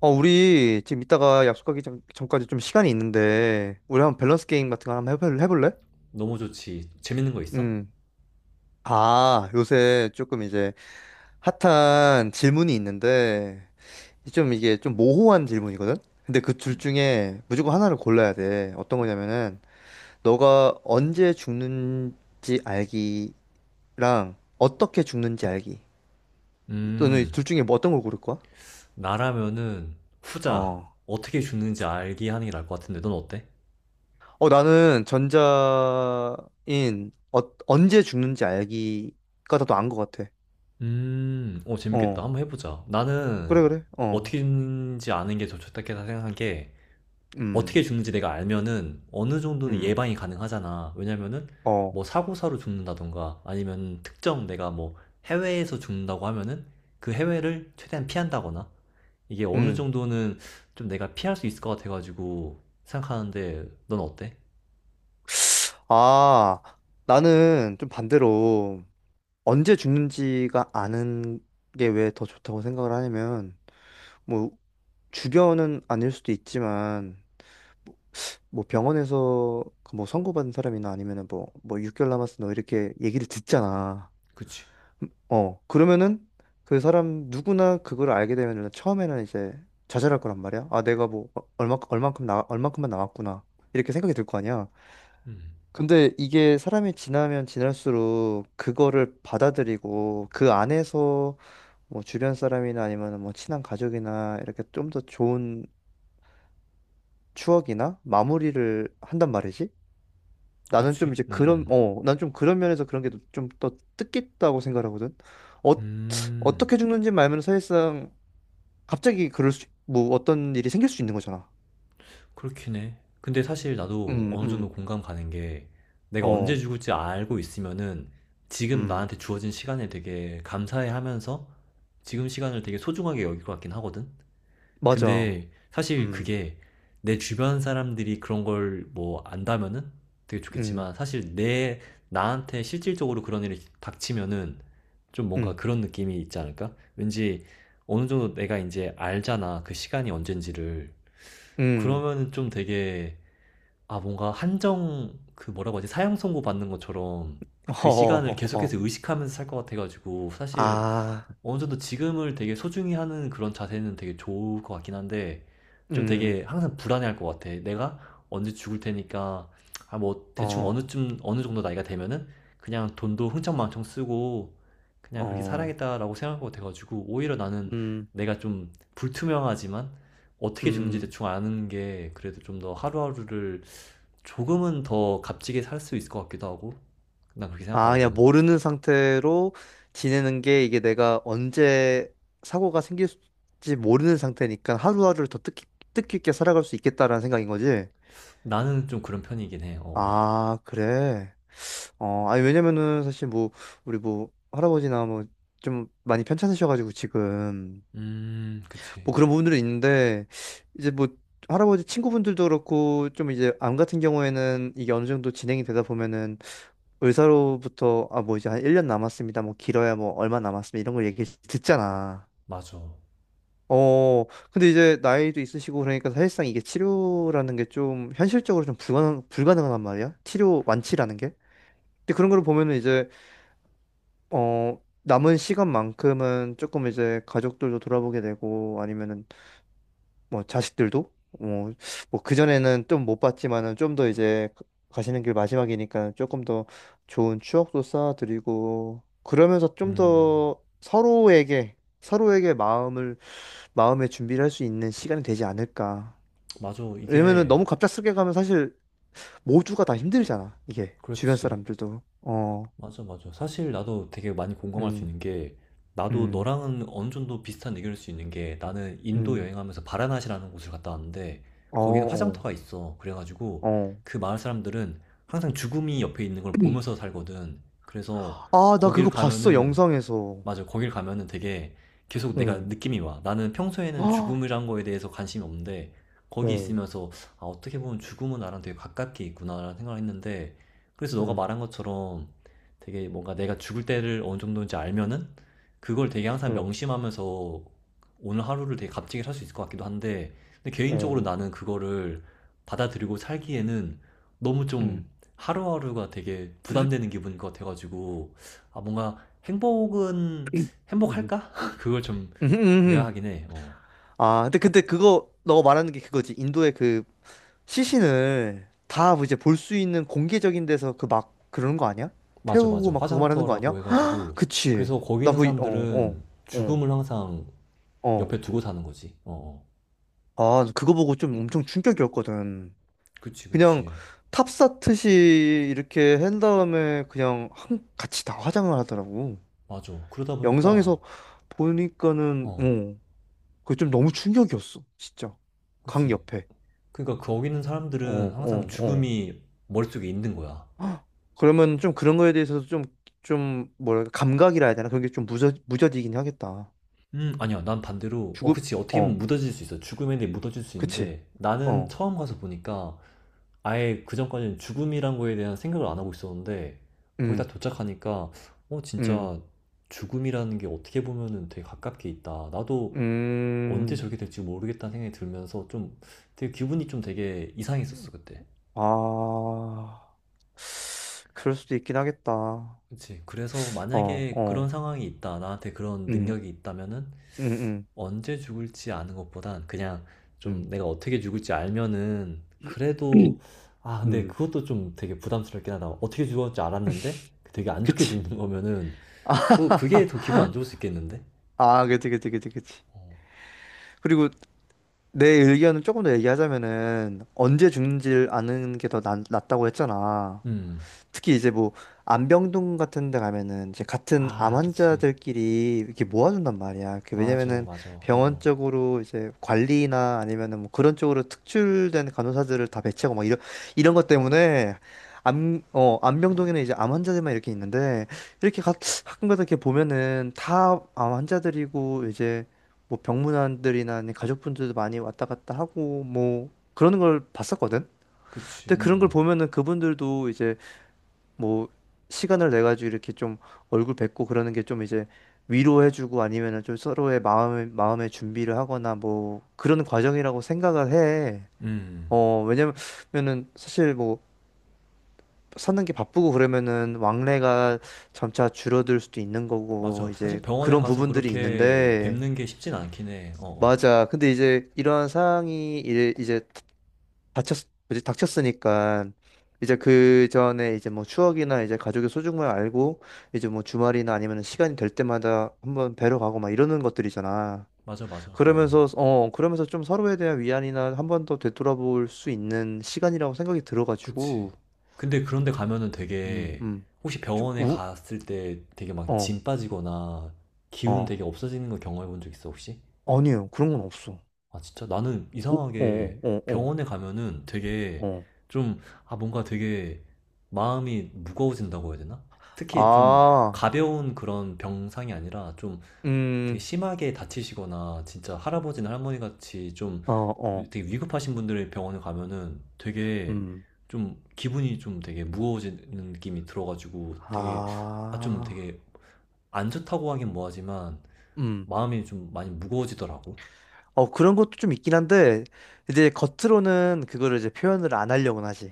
우리 지금 이따가 약속하기 전, 전까지 좀 시간이 있는데, 우리 한번 밸런스 게임 같은 거 한번 해볼래? 너무 좋지. 재밌는 거 있어? 음. 아, 요새 조금 이제 핫한 질문이 있는데, 좀 이게 좀 모호한 질문이거든? 근데 그 둘 음. 중에 무조건 하나를 골라야 돼. 어떤 거냐면은, 너가 언제 죽는지 알기랑 어떻게 죽는지 알기. 또는 음, 둘 중에 뭐 어떤 걸 고를 거야? 나라면은 후자 어. 어떻게 죽는지 알게 하는 게 나을 것 같은데 넌 어때? 어, 나는 전자인 언제 죽는지 알기가 더 나은 것 같아. 재밌겠다. 어, 한번 해보자. 나는 그래, 그래. 어, 어떻게 죽는지 아는 게 더 좋다 생각한 게 음, 어떻게 죽는지 내가 알면은 어느 정도는 음, 예방이 가능하잖아. 왜냐면은 어, 사고사로 죽는다던가 아니면 특정 내가 해외에서 죽는다고 하면은 그 해외를 최대한 피한다거나 이게 어느 음. 정도는 좀 내가 피할 수 있을 것 같아가지고 생각하는데 넌 어때? 아, 나는 좀 반대로 언제 죽는지가 아는 게 왜 더 좋다고 생각을 하냐면, 뭐, 주변은 아닐 수도 있지만, 뭐 병원에서 그뭐 선고받은 사람이나 아니면은 뭐 6개월 남았어 너 이렇게 얘기를 듣잖아. 그치? 그러면은 그 사람 누구나 그걸 알게 되면은 처음에는 이제 좌절할 거란 말이야. 아, 내가 뭐 얼마 얼만큼 나 얼만큼만 나왔구나. 이렇게 생각이 들 거 아니야. 음, 근데 이게 사람이 지나면 지날수록 그거를 받아들이고 그 안에서 뭐 주변 사람이나 아니면 뭐 친한 가족이나 이렇게 좀 더 좋은 추억이나 마무리를 한단 말이지. 나는 그치? 좀 이제 난 좀 그런 면에서 그런 게 좀 더 뜻깊다고 생각하거든. 어, 음, 어떻게 죽는지 말면 사실상 갑자기 뭐 어떤 일이 생길 수 있는 거잖아. 그렇긴 해. 근데 사실 나도 음, 어느 정도 음, 공감 가는 게 내가 언제 어, 죽을지 알고 있으면은 지금 음, 나한테 주어진 시간에 되게 감사해 하면서 지금 시간을 되게 소중하게 여길 것 같긴 하거든? 맞아. 근데 사실 음, 그게 내 주변 사람들이 그런 걸 뭐 안다면은 되게 음, 좋겠지만 사실 내 나한테 실질적으로 그런 일이 닥치면은 좀 뭔가 음, 그런 느낌이 있지 않을까? 왠지 어느 정도 내가 이제 알잖아. 그 시간이 언젠지를. 음, 그러면은 좀 되게 아 뭔가 한정 그 뭐라고 하지? 사형 선고 받는 것처럼 어, 그 어, 시간을 어, 계속해서 어. 의식하면서 살 것 같아가지고 사실 아, 어느 정도 지금을 되게 소중히 하는 그런 자세는 되게 좋을 것 같긴 한데, 좀 음, 되게 항상 불안해할 것 같아. 내가 언제 죽을 테니까, 아, 뭐, 대충 어, 어느쯤, 어느 정도 나이가 되면은, 그냥 돈도 흥청망청 쓰고, 그냥 그렇게 어, 살아야겠다라고 생각할 것 같아가지고, 오히려 나는 음, 내가 좀 불투명하지만, 어떻게 죽는지 음. 대충 아는 게 그래도 좀 더 하루하루를 조금은 더 값지게 살 수 있을 것 같기도 하고, 난 그렇게 아, 그냥 생각하거든. 모르는 상태로 지내는 게 이게 내가 언제 사고가 생길지 모르는 상태니까 하루하루를 더 뜻깊게 살아갈 수 있겠다라는 생각인 거지? 나는 좀 그런 편이긴 해. 어. 어. 아, 그래. 어, 아니, 왜냐면은 사실 뭐, 우리 뭐, 할아버지나 뭐, 좀 많이 편찮으셔가지고 지금. 그치. 뭐 그런 부분들은 있는데 이제 뭐 할아버지 친구분들도 그렇고 좀 이제 암 같은 경우에는 이게 어느 정도 진행이 되다 보면은 의사로부터 아 뭐 이제 한 1년 남았습니다. 뭐 길어야 뭐 얼마 남았습니다. 이런 걸 얘기 듣잖아. 맞아. 어 근데 이제 나이도 있으시고 그러니까 사실상 이게 치료라는 게 좀 현실적으로 좀 불가능한 말이야. 치료 완치라는 게. 근데 그런 걸 보면은 이제 어 남은 시간만큼은 조금 이제 가족들도 돌아보게 되고 아니면은 뭐 자식들도 뭐, 뭐 그전에는 좀 못 봤지만은 좀 더 이제 가시는 길 마지막이니까 조금 더 좋은 추억도 쌓아드리고 그러면서 좀 음, 더 서로에게 마음을 마음의 준비를 할 수 있는 시간이 되지 않을까. 맞아. 왜냐면은 이게, 너무 갑작스럽게 가면 사실 모두가 다 힘들잖아. 이게 주변 그렇지. 사람들도 맞아, 맞아. 사실 나도 되게 많이 공감할 수 음, 있는 게, 나도 음, 너랑은 어느 정도 비슷한 의견일 수 있는 게, 나는 인도 음, 여행하면서 바라나시라는 곳을 갔다 왔는데, 어, 거기는 어, 화장터가 있어. 그래가지고, 어. 그 마을 사람들은 항상 죽음이 옆에 있는 걸 보면서 살거든. 그래서, 아, 나 거기를 그거 봤어 가면은, 영상에서. 맞아. 거길 가면은 되게 계속 내가 응. 느낌이 와. 나는 평소에는 아, 죽음이란 거에 대해서 관심이 없는데 거기 어. 있으면서 아, 어떻게 보면 죽음은 나랑 되게 가깝게 있구나라는 생각을 했는데 그래서 너가 음, 말한 것처럼 되게 뭔가 내가 죽을 때를 어느 정도인지 알면은 그걸 되게 항상 음, 명심하면서 오늘 하루를 되게 값지게 살 수 있을 것 같기도 한데 근데 개인적으로 음, 나는 그거를 받아들이고 살기에는 너무 음, 좀 하루하루가 되게 부담되는 기분인 것 같아가지고 아 뭔가 행복은 음, 행복할까? 그걸 좀 음, 음. 의아하긴 해. 어. 아, 근데 그거 너가 말하는 게 그거지. 인도의 그 시신을 다 이제 볼 수 있는 공개적인 데서 그 막 그러는 거 아니야? 맞아, 태우고 맞아. 막 그거 말하는 거 아니야? 화장터라고 해가지고. 그치. 그래서 거기 나 있는 그, 어, 어, 사람들은 어, 죽음을 항상 어. 옆에 두고 사는 거지. 어, 어. 아, 그거 보고 좀 엄청 충격이었거든. 그치, 그냥 그치. 탑사트시 이렇게 한 다음에 그냥 한, 같이 다 화장을 하더라고. 맞아. 그러다 보니까, 영상에서 보니까는, 어, 어. 그게 좀 너무 충격이었어, 진짜. 강 그치. 옆에. 그러니까 거기 있는 어, 사람들은 항상 어, 어. 죽음이 머릿속에 있는 거야. 헉, 그러면 좀 그런 거에 대해서도 좀, 뭐랄까, 감각이라 해야 되나? 그런 게 좀 무뎌지긴 하겠다. 아니야. 난 반대로, 어, 죽음, 그치. 어떻게 보면 어, 묻어질 수 있어. 죽음에 대해 묻어질 수 그치. 있는데, 나는 어, 처음 가서 보니까, 아예 그전까지는 죽음이란 거에 대한 생각을 안 하고 있었는데 거의 다 음, 도착하니까 음, 진짜 죽음이라는 게 어떻게 보면은 되게 가깝게 있다. 나도 언제 음, 저게 될지 모르겠다는 생각이 들면서 좀 되게 기분이 좀 되게 이상했었어 그때. 아, 그럴 수도 있긴 하겠다. 그치. 그래서 만약에 그런 어, 상황이 있다. 나한테 그런 음, 능력이 있다면은 음, 음, 언제 죽을지 아는 것보단 그냥 좀 음, 내가 어떻게 죽을지 알면은 그래도 아 근데 음, 그것도 좀 되게 부담스럽긴 하다. 어떻게 죽었지 알았는데 되게 안 좋게 그치. 죽는 거면은 그게 더 기분 안 좋을 수 있겠는데? 아, 그치. 어. 그리고 내 의견을 조금 더 얘기하자면은 언제 죽는지를 아는 게 더 낫다고 했잖아. 음. 특히 이제 뭐 안병동 같은 데 가면은 이제 같은 암 아, 그치. 환자들끼리 이렇게 모아준단 말이야. 그 맞아, 왜냐면은 맞아. 어, 병원 어. 쪽으로 이제 관리나 아니면은 뭐 그런 쪽으로 특출된 간호사들을 다 배치하고 막 이런 것 때문에 안병동에는 이제 암 환자들만 이렇게 있는데 이렇게 가, 가끔가다 이렇게 보면은 다 암 환자들이고 이제 뭐 병문안들이나 아니면 가족분들도 많이 왔다 갔다 하고 뭐 그러는 걸 봤었거든. 그치. 근데 그런 걸 음. 보면은 그분들도 이제 뭐 시간을 내 가지고 이렇게 좀 얼굴 뵙고 그러는 게 좀 이제 위로해주고 아니면은 좀 서로의 마음의 준비를 하거나 뭐 그런 과정이라고 생각을 해. 음. 음. 어, 왜냐면은 사실 뭐 사는 게 바쁘고 그러면은 왕래가 점차 줄어들 수도 있는 거고 맞아. 사실 이제 병원에 그런 가서 부분들이 그렇게 있는데 뵙는 게 쉽진 않긴 해. 어. 어. 맞아. 근데 이제 이러한 상황이 이제 닥쳤으니까 이제 그 전에 이제 뭐 추억이나 이제 가족의 소중함을 알고 이제 뭐 주말이나 아니면 시간이 될 때마다 한번 뵈러 가고 막 이러는 것들이잖아. 맞아, 맞아. 어. 어. 그러면서 좀 서로에 대한 위안이나 한번 더 되돌아볼 수 있는 시간이라고 생각이 그치. 들어가지고 근데 그런데 가면은 음, 되게 음. 혹시 좀 병원에 우, 갔을 때 되게 막 어, 짐 빠지거나 기운 되게 어. 없어지는 거 경험해 본 적 있어 혹시? 아니에요. 그런 건 없어. 아 진짜 나는 오, 어, 이상하게 어, 어, 병원에 가면은 어. 되게 어. 좀 아 뭔가 되게 마음이 무거워진다고 해야 되나? 특히 좀 아, 가벼운 그런 병상이 아니라 좀 되게 음, 심하게 다치시거나 진짜 할아버지나 할머니 같이 좀 어, 어, 되게 위급하신 분들의 병원에 가면은 되게 음. 좀 기분이 좀 되게 무거워지는 느낌이 들어가지고 되게 아 좀 아, 되게 안 좋다고 하긴 뭐하지만 음. 마음이 좀 많이 무거워지더라고. 어, 그런 것도 좀 있긴 한데, 이제 겉으로는 그거를 이제 표현을 안 하려고는 하지.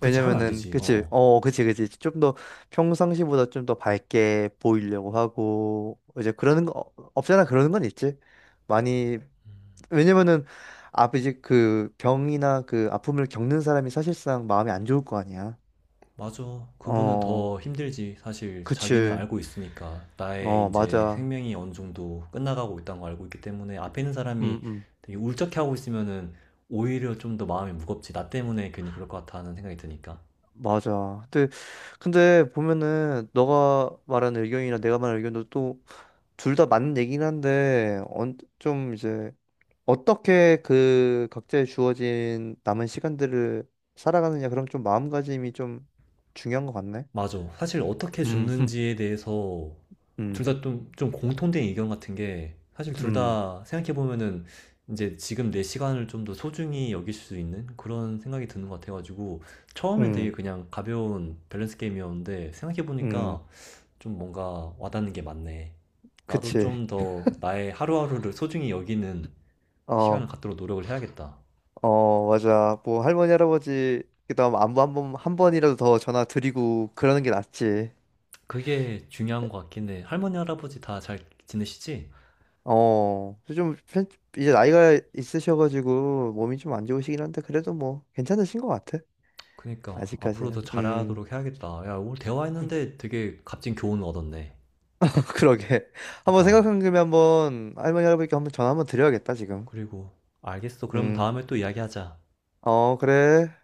그치 하면 안 왜냐면은, 되지. 어어. 그치. 좀 더 평상시보다 좀 더 밝게 보이려고 하고, 이제 그러는 거, 어, 없잖아, 그러는 건 있지. 많이, 왜냐면은, 앞 이제 그 병이나 그 아픔을 겪는 사람이 사실상 마음이 안 좋을 거 아니야. 맞아. 그분은 어, 더 힘들지. 사실 자기는 그치. 알고 있으니까 나의 이제 맞아. 생명이 어느 정도 끝나가고 있다는 걸 알고 있기 때문에 앞에 있는 음, 사람이 음, 되게 울적해 하고 있으면은 오히려 좀 더 마음이 무겁지. 나 때문에 괜히 그럴 것 같아 하는 생각이 드니까. 맞아. 근데 보면은 너가 말한 의견이나 내가 말한 의견도 또 둘 다 맞는 얘기긴 한데 좀 이제 어떻게 그 각자의 주어진 남은 시간들을 살아가느냐 그럼 좀 마음가짐이 좀 중요한 것 같네. 맞아. 사실 어떻게 흠. 죽는지에 대해서 음, 둘 다 좀, 공통된 의견 같은 게 사실 둘 음, 다 생각해보면은 이제 지금 내 시간을 좀 더 소중히 여길 수 있는 그런 생각이 드는 것 같아가지고 처음엔 되게 음, 그냥 가벼운 밸런스 게임이었는데 음, 생각해보니까 좀 뭔가 와닿는 게 많네. 나도 그치. 좀 더 나의 하루하루를 소중히 여기는 시간을 어, 갖도록 노력을 해야겠다. 맞아. 뭐 할머니 할아버지 그다음 안부 한번 한 번이라도 더 전화 드리고 그러는 게 낫지. 그게 중요한 것 같긴 해. 할머니, 할아버지 다 잘 지내시지? 어, 좀 편- 이제 나이가 있으셔가지고 몸이 좀 안 좋으시긴 한데 그래도 뭐 괜찮으신 것 같아. 그니까 앞으로 더 아직까지는. 음. 잘하도록 해야겠다. 야, 오늘 대화했는데 되게 값진 교훈을 얻었네. 그러게. 한번 그니까 생각한 김에 한번 할머니 할아버지께 한번 전화 한번 드려야겠다, 지금. 그리고 알겠어. 그러면 음. 다음에 또 이야기하자. 어, 그래.